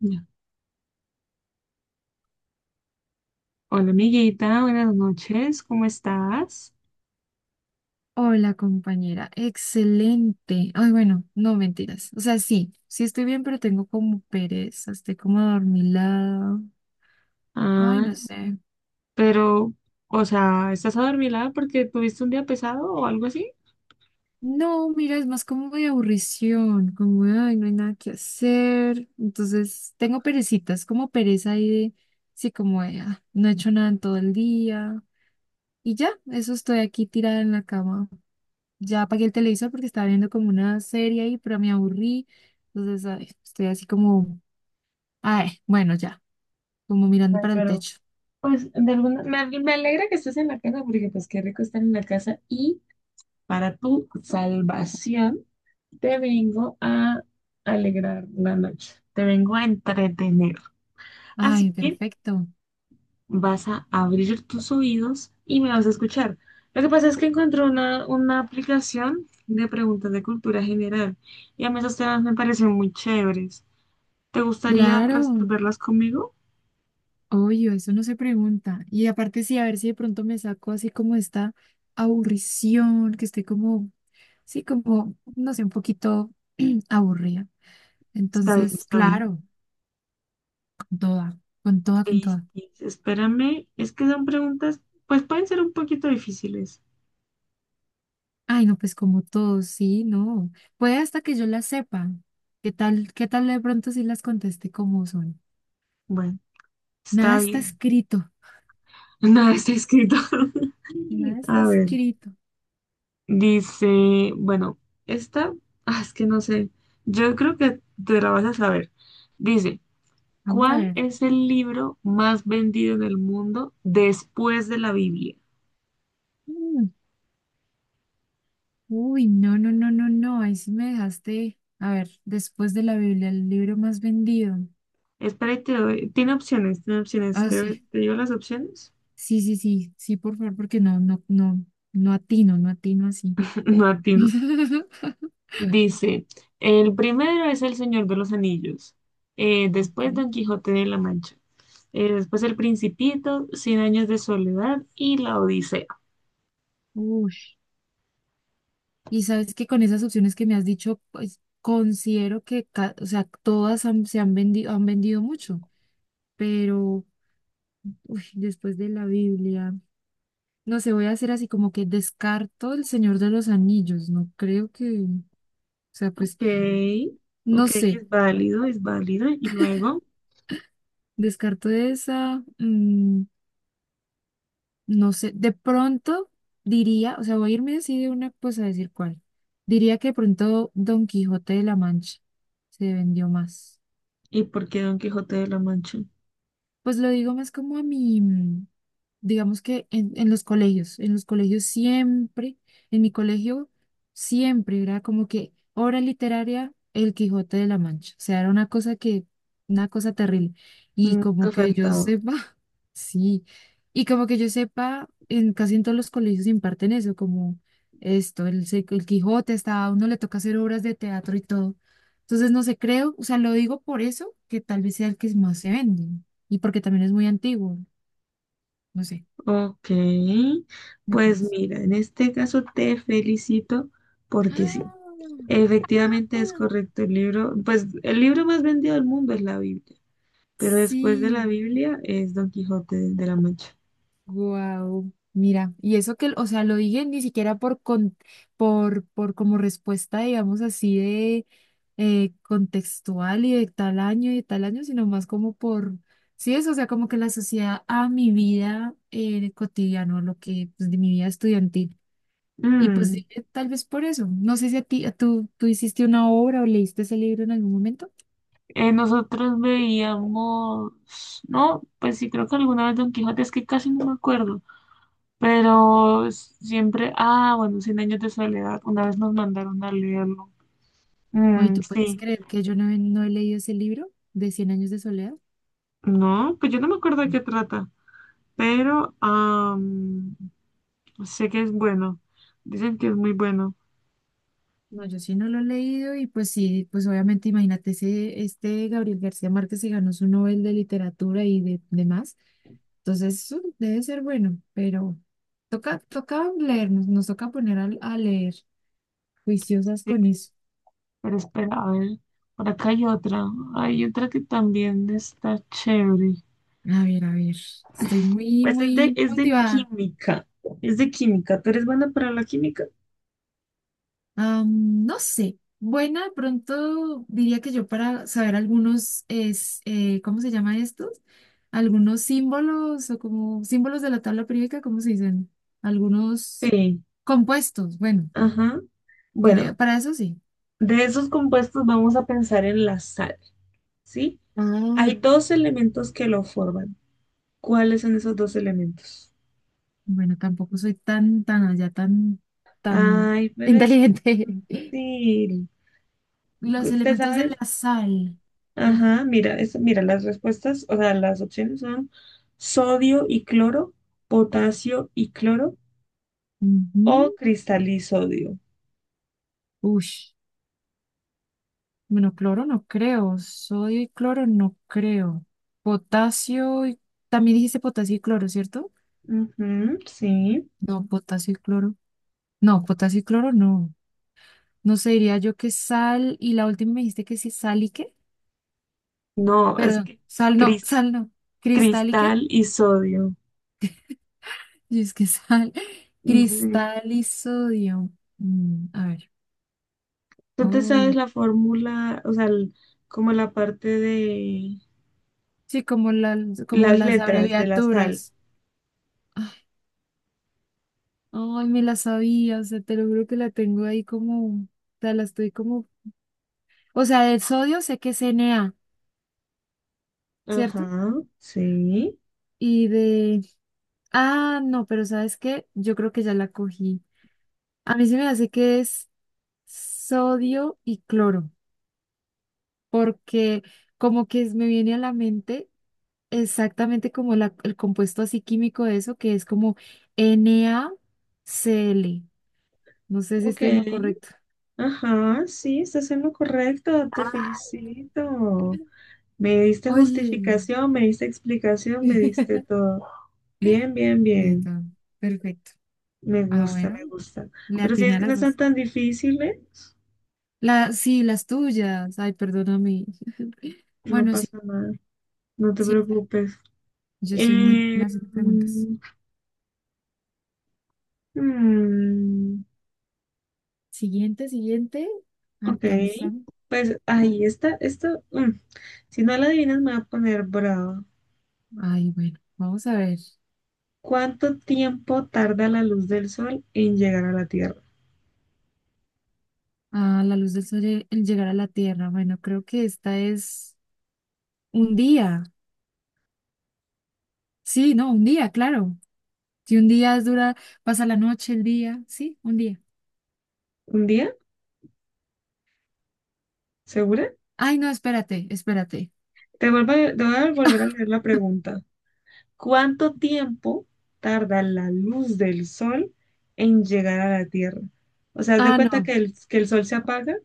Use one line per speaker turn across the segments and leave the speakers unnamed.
Ya. Hola amiguita, buenas noches, ¿cómo estás?
Hola, compañera. Excelente. Ay, bueno, no mentiras. O sea, sí, sí estoy bien, pero tengo como pereza, estoy como adormilada. Ay,
Ah,
no sé.
pero, o sea, ¿estás adormilada porque tuviste un día pesado o algo así?
No, mira, es más como de aburrición, como, de, ay, no hay nada que hacer. Entonces, tengo perecitas, como pereza ahí de, sí, como, de, ah, no he hecho nada en todo el día. Y ya, eso estoy aquí tirada en la cama. Ya apagué el televisor porque estaba viendo como una serie ahí, pero me aburrí. Entonces, ay, estoy así como... Ay, bueno, ya, como mirando
Ay,
para el
pero
techo.
pues de alguna me alegra que estés en la casa porque pues qué rico estar en la casa y para tu salvación te vengo a alegrar la noche, te vengo a entretener. Así
Ay,
que
perfecto.
vas a abrir tus oídos y me vas a escuchar. Lo que pasa es que encontré una aplicación de preguntas de cultura general y a mí esos temas me parecen muy chéveres. ¿Te gustaría
Claro,
resolverlas conmigo?
obvio, eso no se pregunta. Y aparte sí, a ver si de pronto me saco así como esta aburrición, que estoy como, sí, como, no sé, un poquito aburrida.
Está bien,
Entonces,
está bien.
claro, con toda, con toda, con toda.
Listis, espérame, es que son preguntas, pues pueden ser un poquito difíciles.
Ay, no, pues como todo, sí, no. Puede hasta que yo las sepa. Qué tal de pronto si las contesté como son?
Bueno,
Nada
está
está
bien.
escrito,
Nada está escrito.
nada está
A ver,
escrito.
dice, bueno, esta, es que no sé, yo creo que te la vas a saber. Dice,
Vamos a
¿cuál
ver.
es el libro más vendido en el mundo después de la Biblia?
Mm. Uy, no, no, no, no, no, ahí sí me dejaste, a ver, después de la Biblia, el libro más vendido.
Espera, y te doy- Tiene opciones, tiene opciones.
Ah, mm,
¿Te,
sí,
te digo las opciones?
sí, sí, sí, sí, por favor, porque no, no, no, no atino, no atino así.
No atino. Dice, el primero es El Señor de los Anillos. Después
Ok.
Don Quijote de la Mancha. Después El Principito, Cien Años de Soledad y La Odisea.
Uy, y sabes que con esas opciones que me has dicho, pues considero que, o sea, todas se han vendido mucho, pero uy, después de la Biblia, no sé, voy a hacer así como que descarto El Señor de los Anillos, no creo que, o sea, pues...
Ok,
No
ok,
sé,
es válido, es válido. Y luego,
descarto esa, no sé, de pronto diría, o sea, voy a irme así de una, pues a decir cuál. Diría que de pronto Don Quijote de la Mancha se vendió más.
¿y por qué Don Quijote de la Mancha?
Pues lo digo más como a mi, digamos que en los colegios, en los colegios siempre, en mi colegio siempre era como que obra literaria El Quijote de la Mancha, o sea, era una cosa que, una cosa terrible. Y
Nunca
como que yo
faltaba.
sepa, sí, y como que yo sepa, en casi en todos los colegios imparten eso, como esto, el, el Quijote, hasta a uno le toca hacer obras de teatro y todo. Entonces, no sé, creo, o sea, lo digo por eso, que tal vez sea el que más se vende. Y porque también es muy antiguo. No sé,
Ok,
me
pues
parece.
mira, en este caso te felicito porque
¡Ah!
sí, efectivamente es
¡Ah!
correcto el libro, pues el libro más vendido del mundo es la Biblia, pero después de la
Sí,
Biblia es Don Quijote de la Mancha.
wow. Mira, y eso que, o sea, lo dije ni siquiera por como respuesta, digamos así, de contextual y de tal año y de tal año, sino más como por, sí, eso, o sea, como que la sociedad a mi vida cotidiana, lo que, pues, de mi vida estudiantil. Y pues
Mm,
dije, tal vez por eso. No sé si a tú hiciste una obra o leíste ese libro en algún momento.
nosotros veíamos, no, pues sí, creo que alguna vez Don Quijote, es que casi no me acuerdo, pero siempre, ah, bueno, Cien Años de Soledad, una vez nos mandaron a leerlo.
Oye,
Mm,
¿tú puedes
sí,
creer que yo no he leído ese libro de Cien años de soledad?
no, pues yo no me acuerdo de qué trata. Pero am, sé que es bueno. Dicen que es muy bueno.
No, yo sí no lo he leído y pues sí, pues obviamente imagínate, este Gabriel García Márquez se ganó su Nobel de Literatura y de demás, entonces eso debe ser bueno, pero toca, toca leer, nos toca poner a leer, juiciosas con
Sí,
eso.
pero espera, a ver, por acá hay otra. Hay otra que también está chévere.
A ver, estoy muy,
Pues es
muy
es de
motivada.
química. Es de química. ¿Tú eres buena para la química?
No sé. Buena, de pronto diría que yo para saber algunos, es, ¿cómo se llama estos? Algunos símbolos o como símbolos de la tabla periódica, ¿cómo se dicen? Algunos
Sí.
compuestos. Bueno,
Ajá. Bueno,
para eso sí.
de esos compuestos vamos a pensar en la sal, ¿sí? Hay
Ah,
dos elementos que lo forman. ¿Cuáles son esos dos elementos?
bueno, tampoco soy tan, tan allá, tan, tan
Ay, pero es
inteligente.
fácil.
Los
¿Te
elementos de
sabes?
la sal. Uf.
Ajá, mira, mira, las respuestas, o sea, las opciones son sodio y cloro, potasio y cloro o
Ujú.
cristalisodio.
Ush. Bueno, cloro no creo, sodio y cloro no creo. Potasio y... También dijiste potasio y cloro, ¿cierto?
Ujú, sí.
No, potasio y cloro. No, potasio y cloro no. No sé, diría yo que sal y la última me dijiste que sí, sal y qué.
No, es
Perdón,
que
sal no,
cris-
sal no. Cristal y qué.
cristal y sodio.
Y es que sal.
Sí.
Cristal y sodio. A ver.
¿Tú te sabes
Uy.
la fórmula, o sea, como la parte de
Sí, como, como
las
las
letras de la sal?
abreviaturas. Ay, ay, me la sabía, o sea, te lo juro que la tengo ahí como, o sea, la estoy como... O sea, del sodio sé que es Na, ¿cierto?
Ajá, sí.
Y de... Ah, no, pero ¿sabes qué? Yo creo que ya la cogí. A mí se me hace que es sodio y cloro, porque como que me viene a la mente exactamente como el compuesto así químico de eso, que es como NaCl. No sé si
Ok.
estoy en lo correcto.
Ajá, sí, estás en lo correcto, te felicito. Me diste
Oye.
justificación, me diste explicación, me diste todo. Bien, bien, bien.
Perfecto. Perfecto.
Me
Ah,
gusta,
bueno,
me gusta.
le
Pero si
atiné
es
a
que no
las
están
dos.
tan difíciles,
Sí, las tuyas. Ay, perdóname.
no
Bueno, sí,
pasa nada. No te
sí,
preocupes.
yo soy muy
Eh,
mala haciendo preguntas.
mm, mm,
Siguiente, siguiente.
ok.
Alcanza.
Pues ahí está. Si no la adivinas, me va a poner bravo.
Ay, bueno, vamos a ver.
¿Cuánto tiempo tarda la luz del sol en llegar a la Tierra?
La luz del sol, el llegar a la Tierra. Bueno, creo que esta es un día. Sí, no, un día, claro. Si un día es dura, pasa la noche, el día. Sí, un día.
¿Un día? ¿Segura?
Ay, no, espérate, espérate.
Te voy a volver a leer la pregunta. ¿Cuánto tiempo tarda la luz del sol en llegar a la Tierra? O sea, haz de
Ah,
cuenta
no.
que que el sol se apaga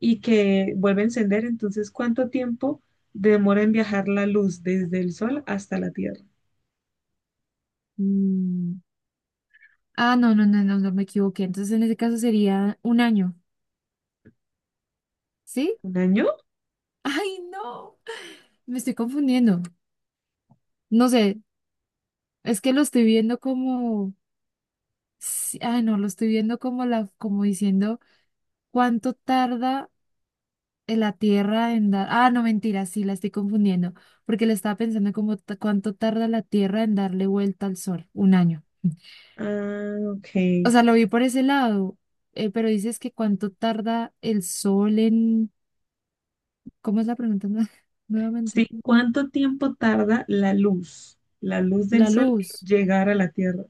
y que vuelve a encender, entonces, ¿cuánto tiempo demora en viajar la luz desde el sol hasta la Tierra?
Mm, Ah, no, no, no, no, no me equivoqué. Entonces, en ese caso sería un año. ¿Sí?
¿Un año?
Ay, no, me estoy confundiendo. No sé, es que lo estoy viendo como, sí, ay, no, lo estoy viendo como la, como diciendo cuánto tarda en la Tierra en dar. Ah, no, mentira, sí, la estoy confundiendo, porque le estaba pensando como cuánto tarda la Tierra en darle vuelta al Sol, un año.
Ah, ok.
O sea, lo vi por ese lado, pero dices que cuánto tarda el Sol en, ¿cómo es la pregunta? Nuevamente,
Sí, ¿cuánto tiempo tarda la luz del
la
sol en
luz.
llegar a la Tierra?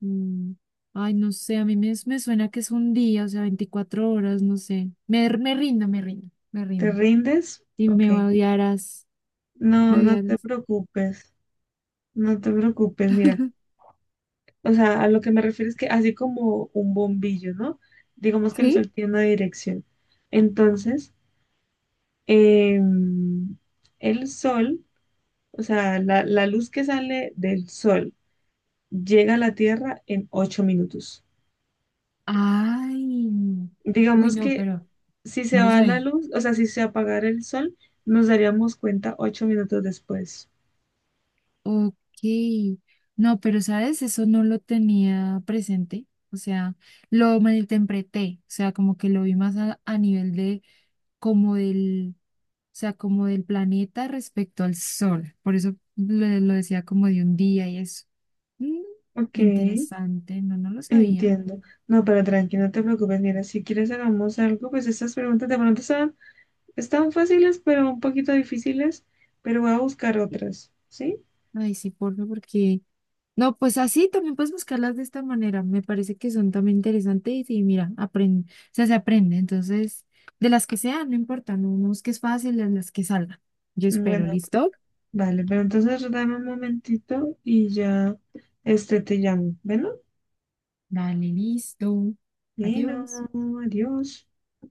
Mm, Ay, no sé, a mí me suena que es un día, o sea, 24 horas, no sé. Me rindo, me rindo, me
¿Te
rindo.
rindes?
Y
Ok.
me odiarás, me
No, no te
odiarás.
preocupes, no te preocupes, mira. O sea, a lo que me refiero es que así como un bombillo, ¿no? Digamos que el
¿Sí?
sol tiene una dirección. Entonces, em, el sol, o sea, la luz que sale del sol llega a la Tierra en 8 minutos.
Ay, no. Uy,
Digamos
no,
que
pero
si se
no lo
va la
sabía.
luz, o sea, si se apagara el sol, nos daríamos cuenta 8 minutos después.
Ok, no, pero sabes, eso no lo tenía presente, o sea, lo malinterpreté, o sea, como que lo vi más a nivel de como del, sea, como del planeta respecto al Sol. Por eso lo decía como de un día y eso. Mm,
Ok,
Interesante, no, no lo sabía.
entiendo. No, pero tranqui, no te preocupes. Mira, si quieres hagamos algo, pues estas preguntas de pronto son están fáciles, pero un poquito difíciles, pero voy a buscar otras, ¿sí?
Ay, sí, porfa, porque... No, pues así también puedes buscarlas de esta manera. Me parece que son también interesantes y sí, mira, aprende, o sea, se aprende. Entonces, de las que sean, no importa, no, no busques fácil, de las que salgan. Yo espero,
Bueno,
¿listo?
vale, pero entonces dame un momentito y ya este te llamo. Bueno,
Dale, listo. Adiós.
bueno, adiós.